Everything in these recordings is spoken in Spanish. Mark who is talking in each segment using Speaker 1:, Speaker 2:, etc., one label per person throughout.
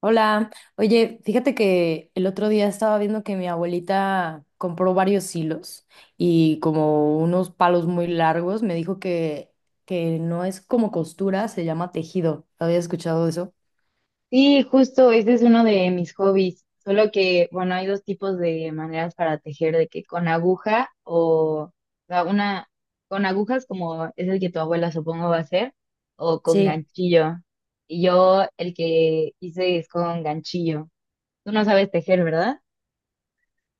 Speaker 1: Hola, oye, fíjate que el otro día estaba viendo que mi abuelita compró varios hilos y como unos palos muy largos, me dijo que no es como costura, se llama tejido. ¿Había escuchado eso?
Speaker 2: Sí, justo, ese es uno de mis hobbies. Solo que, bueno, hay dos tipos de maneras para tejer, de que con aguja o sea, una, con agujas como es el que tu abuela supongo va a hacer, o con
Speaker 1: Sí.
Speaker 2: ganchillo. Y yo el que hice es con ganchillo. Tú no sabes tejer, ¿verdad?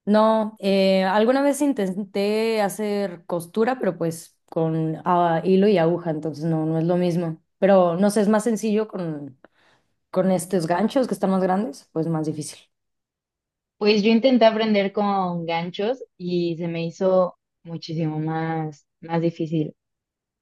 Speaker 1: No, alguna vez intenté hacer costura, pero pues con hilo y aguja, entonces no es lo mismo. Pero no sé, es más sencillo con estos ganchos que están más grandes, pues más difícil.
Speaker 2: Pues yo intenté aprender con ganchos y se me hizo muchísimo más difícil.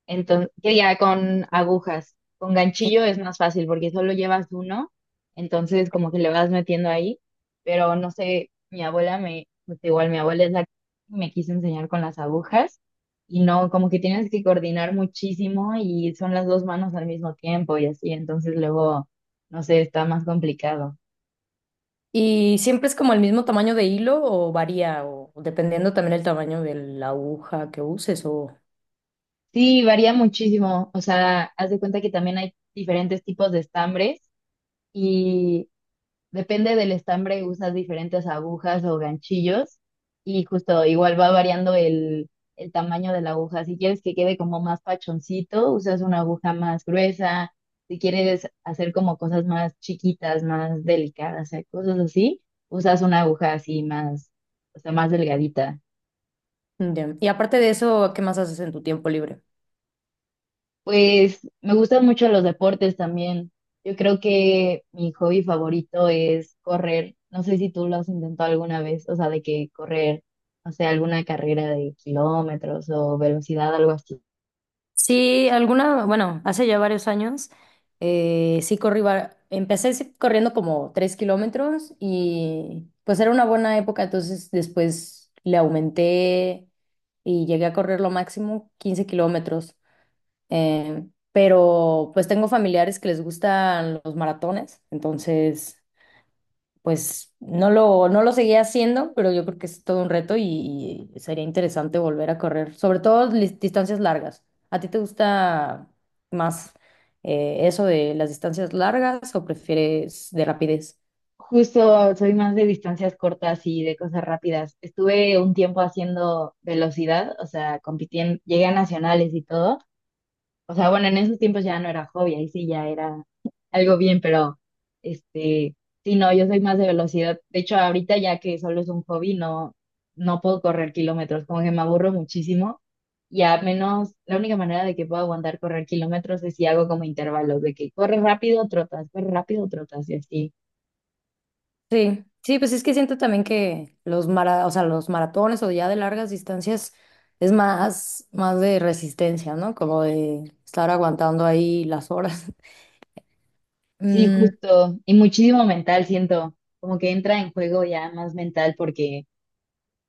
Speaker 2: Entonces, que ya con agujas, con ganchillo es más fácil porque solo llevas uno, entonces como que le vas metiendo ahí, pero no sé, pues igual mi abuela es la que me quiso enseñar con las agujas y no, como que tienes que coordinar muchísimo y son las dos manos al mismo tiempo y así, entonces luego, no sé, está más complicado.
Speaker 1: ¿Y siempre es como el mismo tamaño de hilo o varía o dependiendo también el tamaño de la aguja que uses o
Speaker 2: Sí, varía muchísimo, o sea, haz de cuenta que también hay diferentes tipos de estambres. y Depende del estambre, usas diferentes agujas o ganchillos y justo igual va variando el tamaño de la aguja. Si quieres que quede como más pachoncito, usas una aguja más gruesa. Si quieres hacer como cosas más chiquitas, más delicadas, o sea, cosas así, usas una aguja así más, o sea, más delgadita.
Speaker 1: ya. Y aparte de eso, ¿qué más haces en tu tiempo libre?
Speaker 2: Pues me gustan mucho los deportes también. Yo creo que mi hobby favorito es correr. No sé si tú lo has intentado alguna vez, o sea, de que correr, no sé, alguna carrera de kilómetros o velocidad, algo así.
Speaker 1: Sí, alguna, bueno, hace ya varios años, sí corrí, empecé sí corriendo como 3 kilómetros y pues era una buena época, entonces después le aumenté y llegué a correr lo máximo 15 kilómetros. Eh, pero pues tengo familiares que les gustan los maratones, entonces pues no lo seguía haciendo, pero yo creo que es todo un reto y sería interesante volver a correr, sobre todo distancias largas. ¿A ti te gusta más eso de las distancias largas o prefieres de rapidez?
Speaker 2: Justo soy más de distancias cortas y de cosas rápidas. Estuve un tiempo haciendo velocidad, o sea, compitiendo, llegué a nacionales y todo. O sea, bueno, en esos tiempos ya no era hobby, ahí sí ya era algo bien, pero este, sí, no, yo soy más de velocidad. De hecho, ahorita ya que solo es un hobby, no, no puedo correr kilómetros, como que me aburro muchísimo. Y a menos, la única manera de que puedo aguantar correr kilómetros es si hago como intervalos, de que corre rápido, trotas, y así.
Speaker 1: Sí, sí, pues es que siento también que los o sea, los maratones o ya de largas distancias es más de resistencia, ¿no? Como de estar aguantando ahí las horas.
Speaker 2: Sí,
Speaker 1: Mm,
Speaker 2: justo. Y muchísimo mental, siento, como que entra en juego ya más mental porque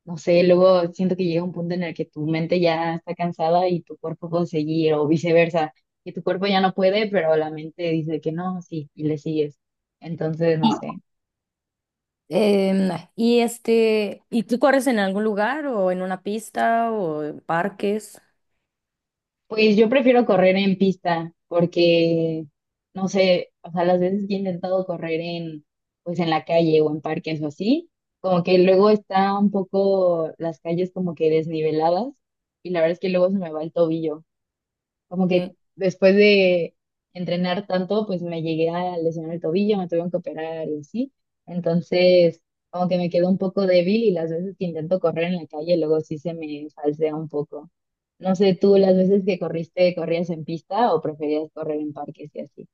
Speaker 2: no sé, luego siento que llega un punto en el que tu mente ya está cansada y tu cuerpo puede seguir, o viceversa, que tu cuerpo ya no puede, pero la mente dice que no, sí, y le sigues. Entonces, no sé.
Speaker 1: em, y este, ¿y tú corres en algún lugar o en una pista o en parques?
Speaker 2: Pues yo prefiero correr en pista, porque, no sé, o sea, las veces que he intentado correr en, pues en la calle o en parques o así, como que luego está un poco las calles como que desniveladas, y la verdad es que luego se me va el tobillo. Como que
Speaker 1: Sí.
Speaker 2: después de entrenar tanto, pues me llegué a lesionar el tobillo, me tuvieron que operar y así. Entonces, como que me quedo un poco débil y las veces que intento correr en la calle, luego sí se me falsea un poco. No sé, tú las veces que corriste, ¿corrías en pista o preferías correr en parques y así?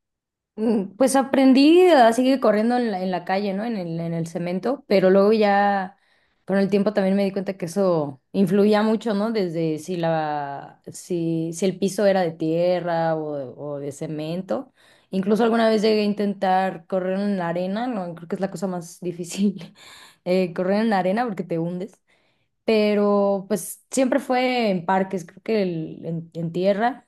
Speaker 1: Pues aprendí a seguir corriendo en la calle, ¿no? En el cemento, pero luego ya con el tiempo también me di cuenta que eso influía mucho, ¿no? Desde si la, si, si el piso era de tierra o de cemento. Incluso alguna vez llegué a intentar correr en la arena, no, creo que es la cosa más difícil, correr en la arena porque te hundes. Pero pues siempre fue en parques, creo que en tierra.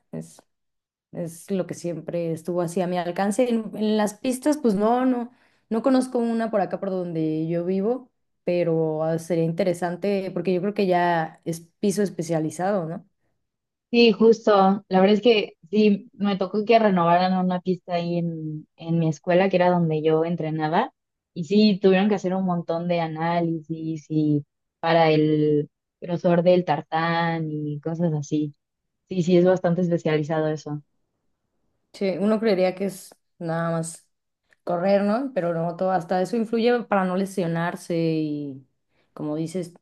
Speaker 1: Es lo que siempre estuvo así a mi alcance. En las pistas, pues no, no, no conozco una por acá por donde yo vivo, pero sería interesante porque yo creo que ya es piso especializado, ¿no?
Speaker 2: Sí, justo. La verdad es que sí, me tocó que renovaran una pista ahí en mi escuela, que era donde yo entrenaba, y sí, tuvieron que hacer un montón de análisis y para el grosor del tartán y cosas así. Sí, sí, es bastante especializado eso.
Speaker 1: Sí, uno creería que es nada más correr, ¿no? Pero no, todo, hasta eso influye para no lesionarse y, como dices,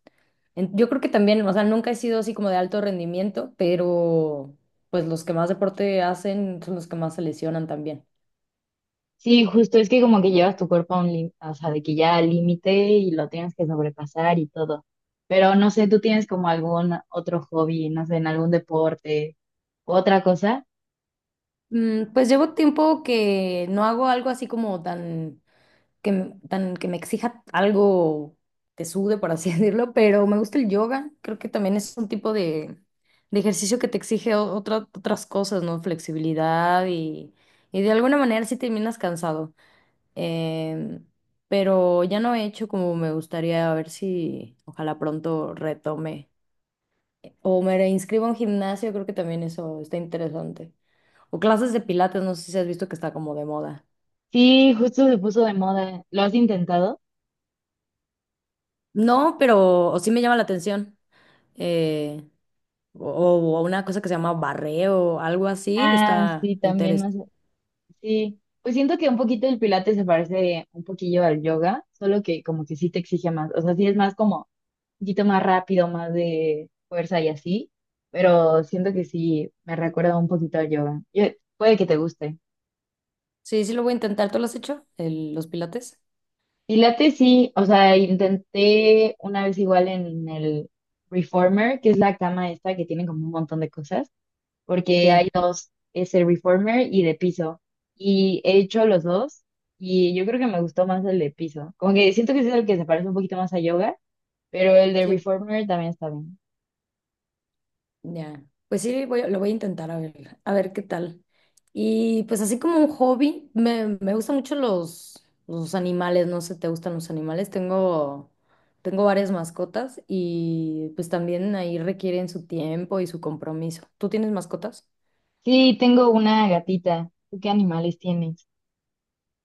Speaker 1: yo creo que también, o sea, nunca he sido así como de alto rendimiento, pero pues los que más deporte hacen son los que más se lesionan también.
Speaker 2: Sí, justo es que como que llevas tu cuerpo a un límite, o sea, de que ya al límite y lo tienes que sobrepasar y todo. Pero no sé, ¿tú tienes como algún otro hobby, no sé, en algún deporte, u otra cosa?
Speaker 1: Pues llevo tiempo que no hago algo así como tan que me exija algo que sude, por así decirlo, pero me gusta el yoga. Creo que también es un tipo de ejercicio que te exige otras cosas, ¿no? Flexibilidad y de alguna manera sí terminas cansado. Em, pero ya no he hecho como me gustaría, a ver si ojalá pronto retome. O me reinscribo a un gimnasio, creo que también eso está interesante. O clases de pilates, no sé si has visto que está como de moda.
Speaker 2: Sí, justo se puso de moda. ¿Lo has intentado?
Speaker 1: No, pero o sí me llama la atención. Eh, o, o una cosa que se llama barreo, algo así,
Speaker 2: Ah,
Speaker 1: está
Speaker 2: sí, también
Speaker 1: interesante.
Speaker 2: más. Sí. Pues siento que un poquito el pilates se parece un poquillo al yoga, solo que como que sí te exige más. O sea, sí es más como un poquito más rápido, más de fuerza y así, pero siento que sí me recuerda un poquito al yoga. Puede que te guste.
Speaker 1: Sí, sí lo voy a intentar. ¿Tú lo has hecho? Los pilates.
Speaker 2: Pilates sí, o sea, intenté una vez igual en el Reformer, que es la cama esta que tiene como un montón de cosas, porque hay
Speaker 1: Sí.
Speaker 2: dos, es el reformer y de piso. Y he hecho los dos y yo creo que me gustó más el de piso. Como que siento que es el que se parece un poquito más a yoga, pero el de
Speaker 1: Sí.
Speaker 2: reformer también está bien.
Speaker 1: Ya, pues sí, lo voy a intentar a ver qué tal. Y pues así como un hobby, me gustan mucho los animales, no sé, ¿te gustan los animales? Tengo varias mascotas y pues también ahí requieren su tiempo y su compromiso. ¿Tú tienes mascotas?
Speaker 2: Sí, tengo una gatita. ¿Tú qué animales tienes?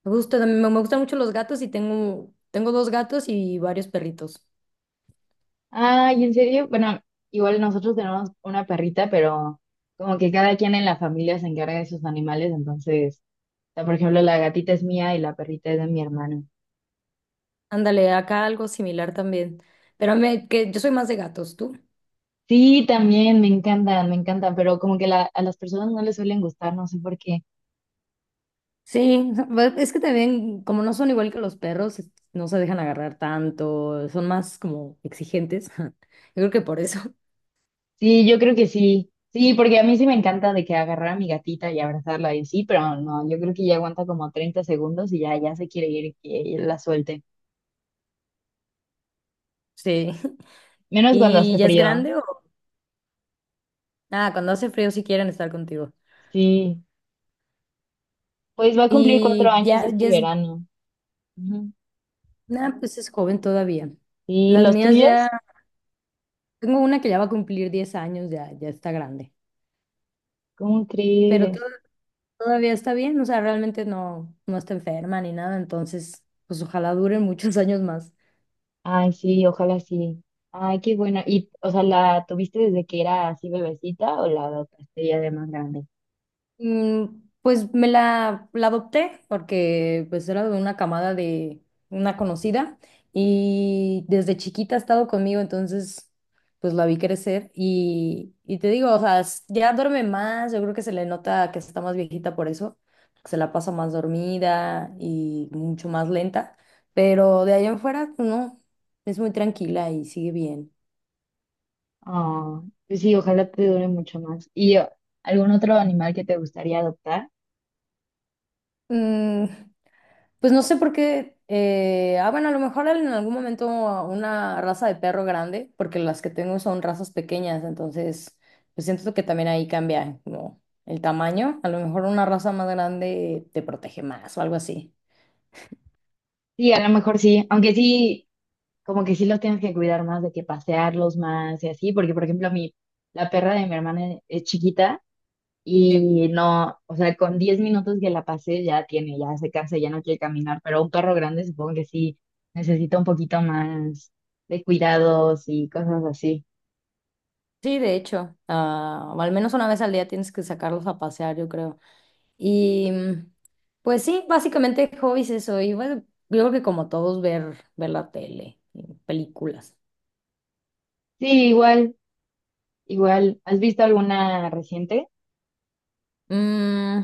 Speaker 1: Me gustan mucho los gatos y tengo dos gatos y varios perritos.
Speaker 2: Ay, ¿en serio? Bueno, igual nosotros tenemos una perrita, pero como que cada quien en la familia se encarga de sus animales, entonces, o sea, por ejemplo, la gatita es mía y la perrita es de mi hermano.
Speaker 1: Ándale, acá algo similar también. Pero que yo soy más de gatos, ¿tú?
Speaker 2: Sí, también me encantan, pero como que a las personas no les suelen gustar, no sé por qué.
Speaker 1: Sí, o sea, es que también, como no son igual que los perros, no se dejan agarrar tanto, son más como exigentes. Yo creo que por eso.
Speaker 2: Sí, yo creo que sí. Sí, porque a mí sí me encanta de que agarrar a mi gatita y abrazarla y sí, pero no, yo creo que ya aguanta como 30 segundos y ya, ya se quiere ir y que la suelte.
Speaker 1: Sí.
Speaker 2: Menos cuando
Speaker 1: ¿Y
Speaker 2: hace
Speaker 1: ya es
Speaker 2: frío.
Speaker 1: grande o? Ah, cuando hace frío sí quieren estar contigo.
Speaker 2: Sí, pues va a cumplir cuatro
Speaker 1: Y
Speaker 2: años
Speaker 1: ya,
Speaker 2: este
Speaker 1: ya es,
Speaker 2: verano. Ujú.
Speaker 1: nada, pues es joven todavía.
Speaker 2: ¿Y
Speaker 1: Las
Speaker 2: los
Speaker 1: mías ya,
Speaker 2: tuyos?
Speaker 1: tengo una que ya va a cumplir 10 años, ya, ya está grande.
Speaker 2: ¿Cómo
Speaker 1: Pero
Speaker 2: crees?
Speaker 1: todavía está bien, o sea, realmente no está enferma ni nada, entonces, pues ojalá duren muchos años más.
Speaker 2: Ay, sí, ojalá sí. Ay, qué bueno. ¿Y, o sea, la tuviste desde que era así bebecita o la adoptaste ya de más grande?
Speaker 1: Pues me la adopté porque pues era de una camada de una conocida y desde chiquita ha estado conmigo, entonces pues la vi crecer y te digo, o sea, ya duerme más, yo creo que se le nota que está más viejita por eso, que se la pasa más dormida y mucho más lenta, pero de ahí en fuera no, es muy tranquila y sigue bien.
Speaker 2: Ah, pues sí, ojalá te dure mucho más. ¿Y algún otro animal que te gustaría adoptar?
Speaker 1: Mm, Pues no sé por qué. Bueno, a lo mejor en algún momento una raza de perro grande, porque las que tengo son razas pequeñas, entonces pues siento que también ahí cambia como el tamaño. A lo mejor una raza más grande te protege más o algo así.
Speaker 2: Sí, a lo mejor sí, aunque sí, como que sí los tienes que cuidar más, de que pasearlos más y así, porque por ejemplo la perra de mi hermana es chiquita
Speaker 1: Sí.
Speaker 2: y no, o sea, con 10 minutos que la pasé ya tiene, ya se cansa, ya no quiere caminar, pero un perro grande supongo que sí necesita un poquito más de cuidados y cosas así.
Speaker 1: Sí, de hecho, o al menos una vez al día tienes que sacarlos a pasear, yo creo. Y pues sí, básicamente hobbies eso. Y bueno, yo creo que como todos ver la tele, y películas.
Speaker 2: Sí, igual, igual. ¿Has visto alguna reciente?
Speaker 1: Mm,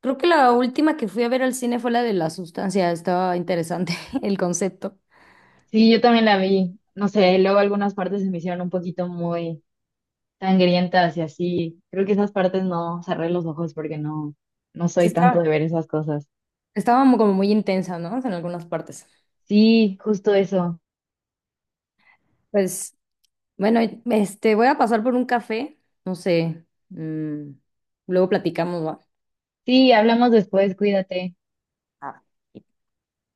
Speaker 1: Creo que la última que fui a ver al cine fue la de La Sustancia. Estaba interesante el concepto.
Speaker 2: Sí, yo también la vi. No sé, luego algunas partes se me hicieron un poquito muy sangrientas y así. Creo que esas partes no cerré los ojos porque no, no
Speaker 1: Sí,
Speaker 2: soy tanto de
Speaker 1: estaba,
Speaker 2: ver esas cosas.
Speaker 1: estaba como muy intensa, ¿no? En algunas partes.
Speaker 2: Sí, justo eso.
Speaker 1: Pues, bueno, este, voy a pasar por un café. No sé. Luego platicamos, ¿va?
Speaker 2: Sí, hablamos después, cuídate.
Speaker 1: Ah,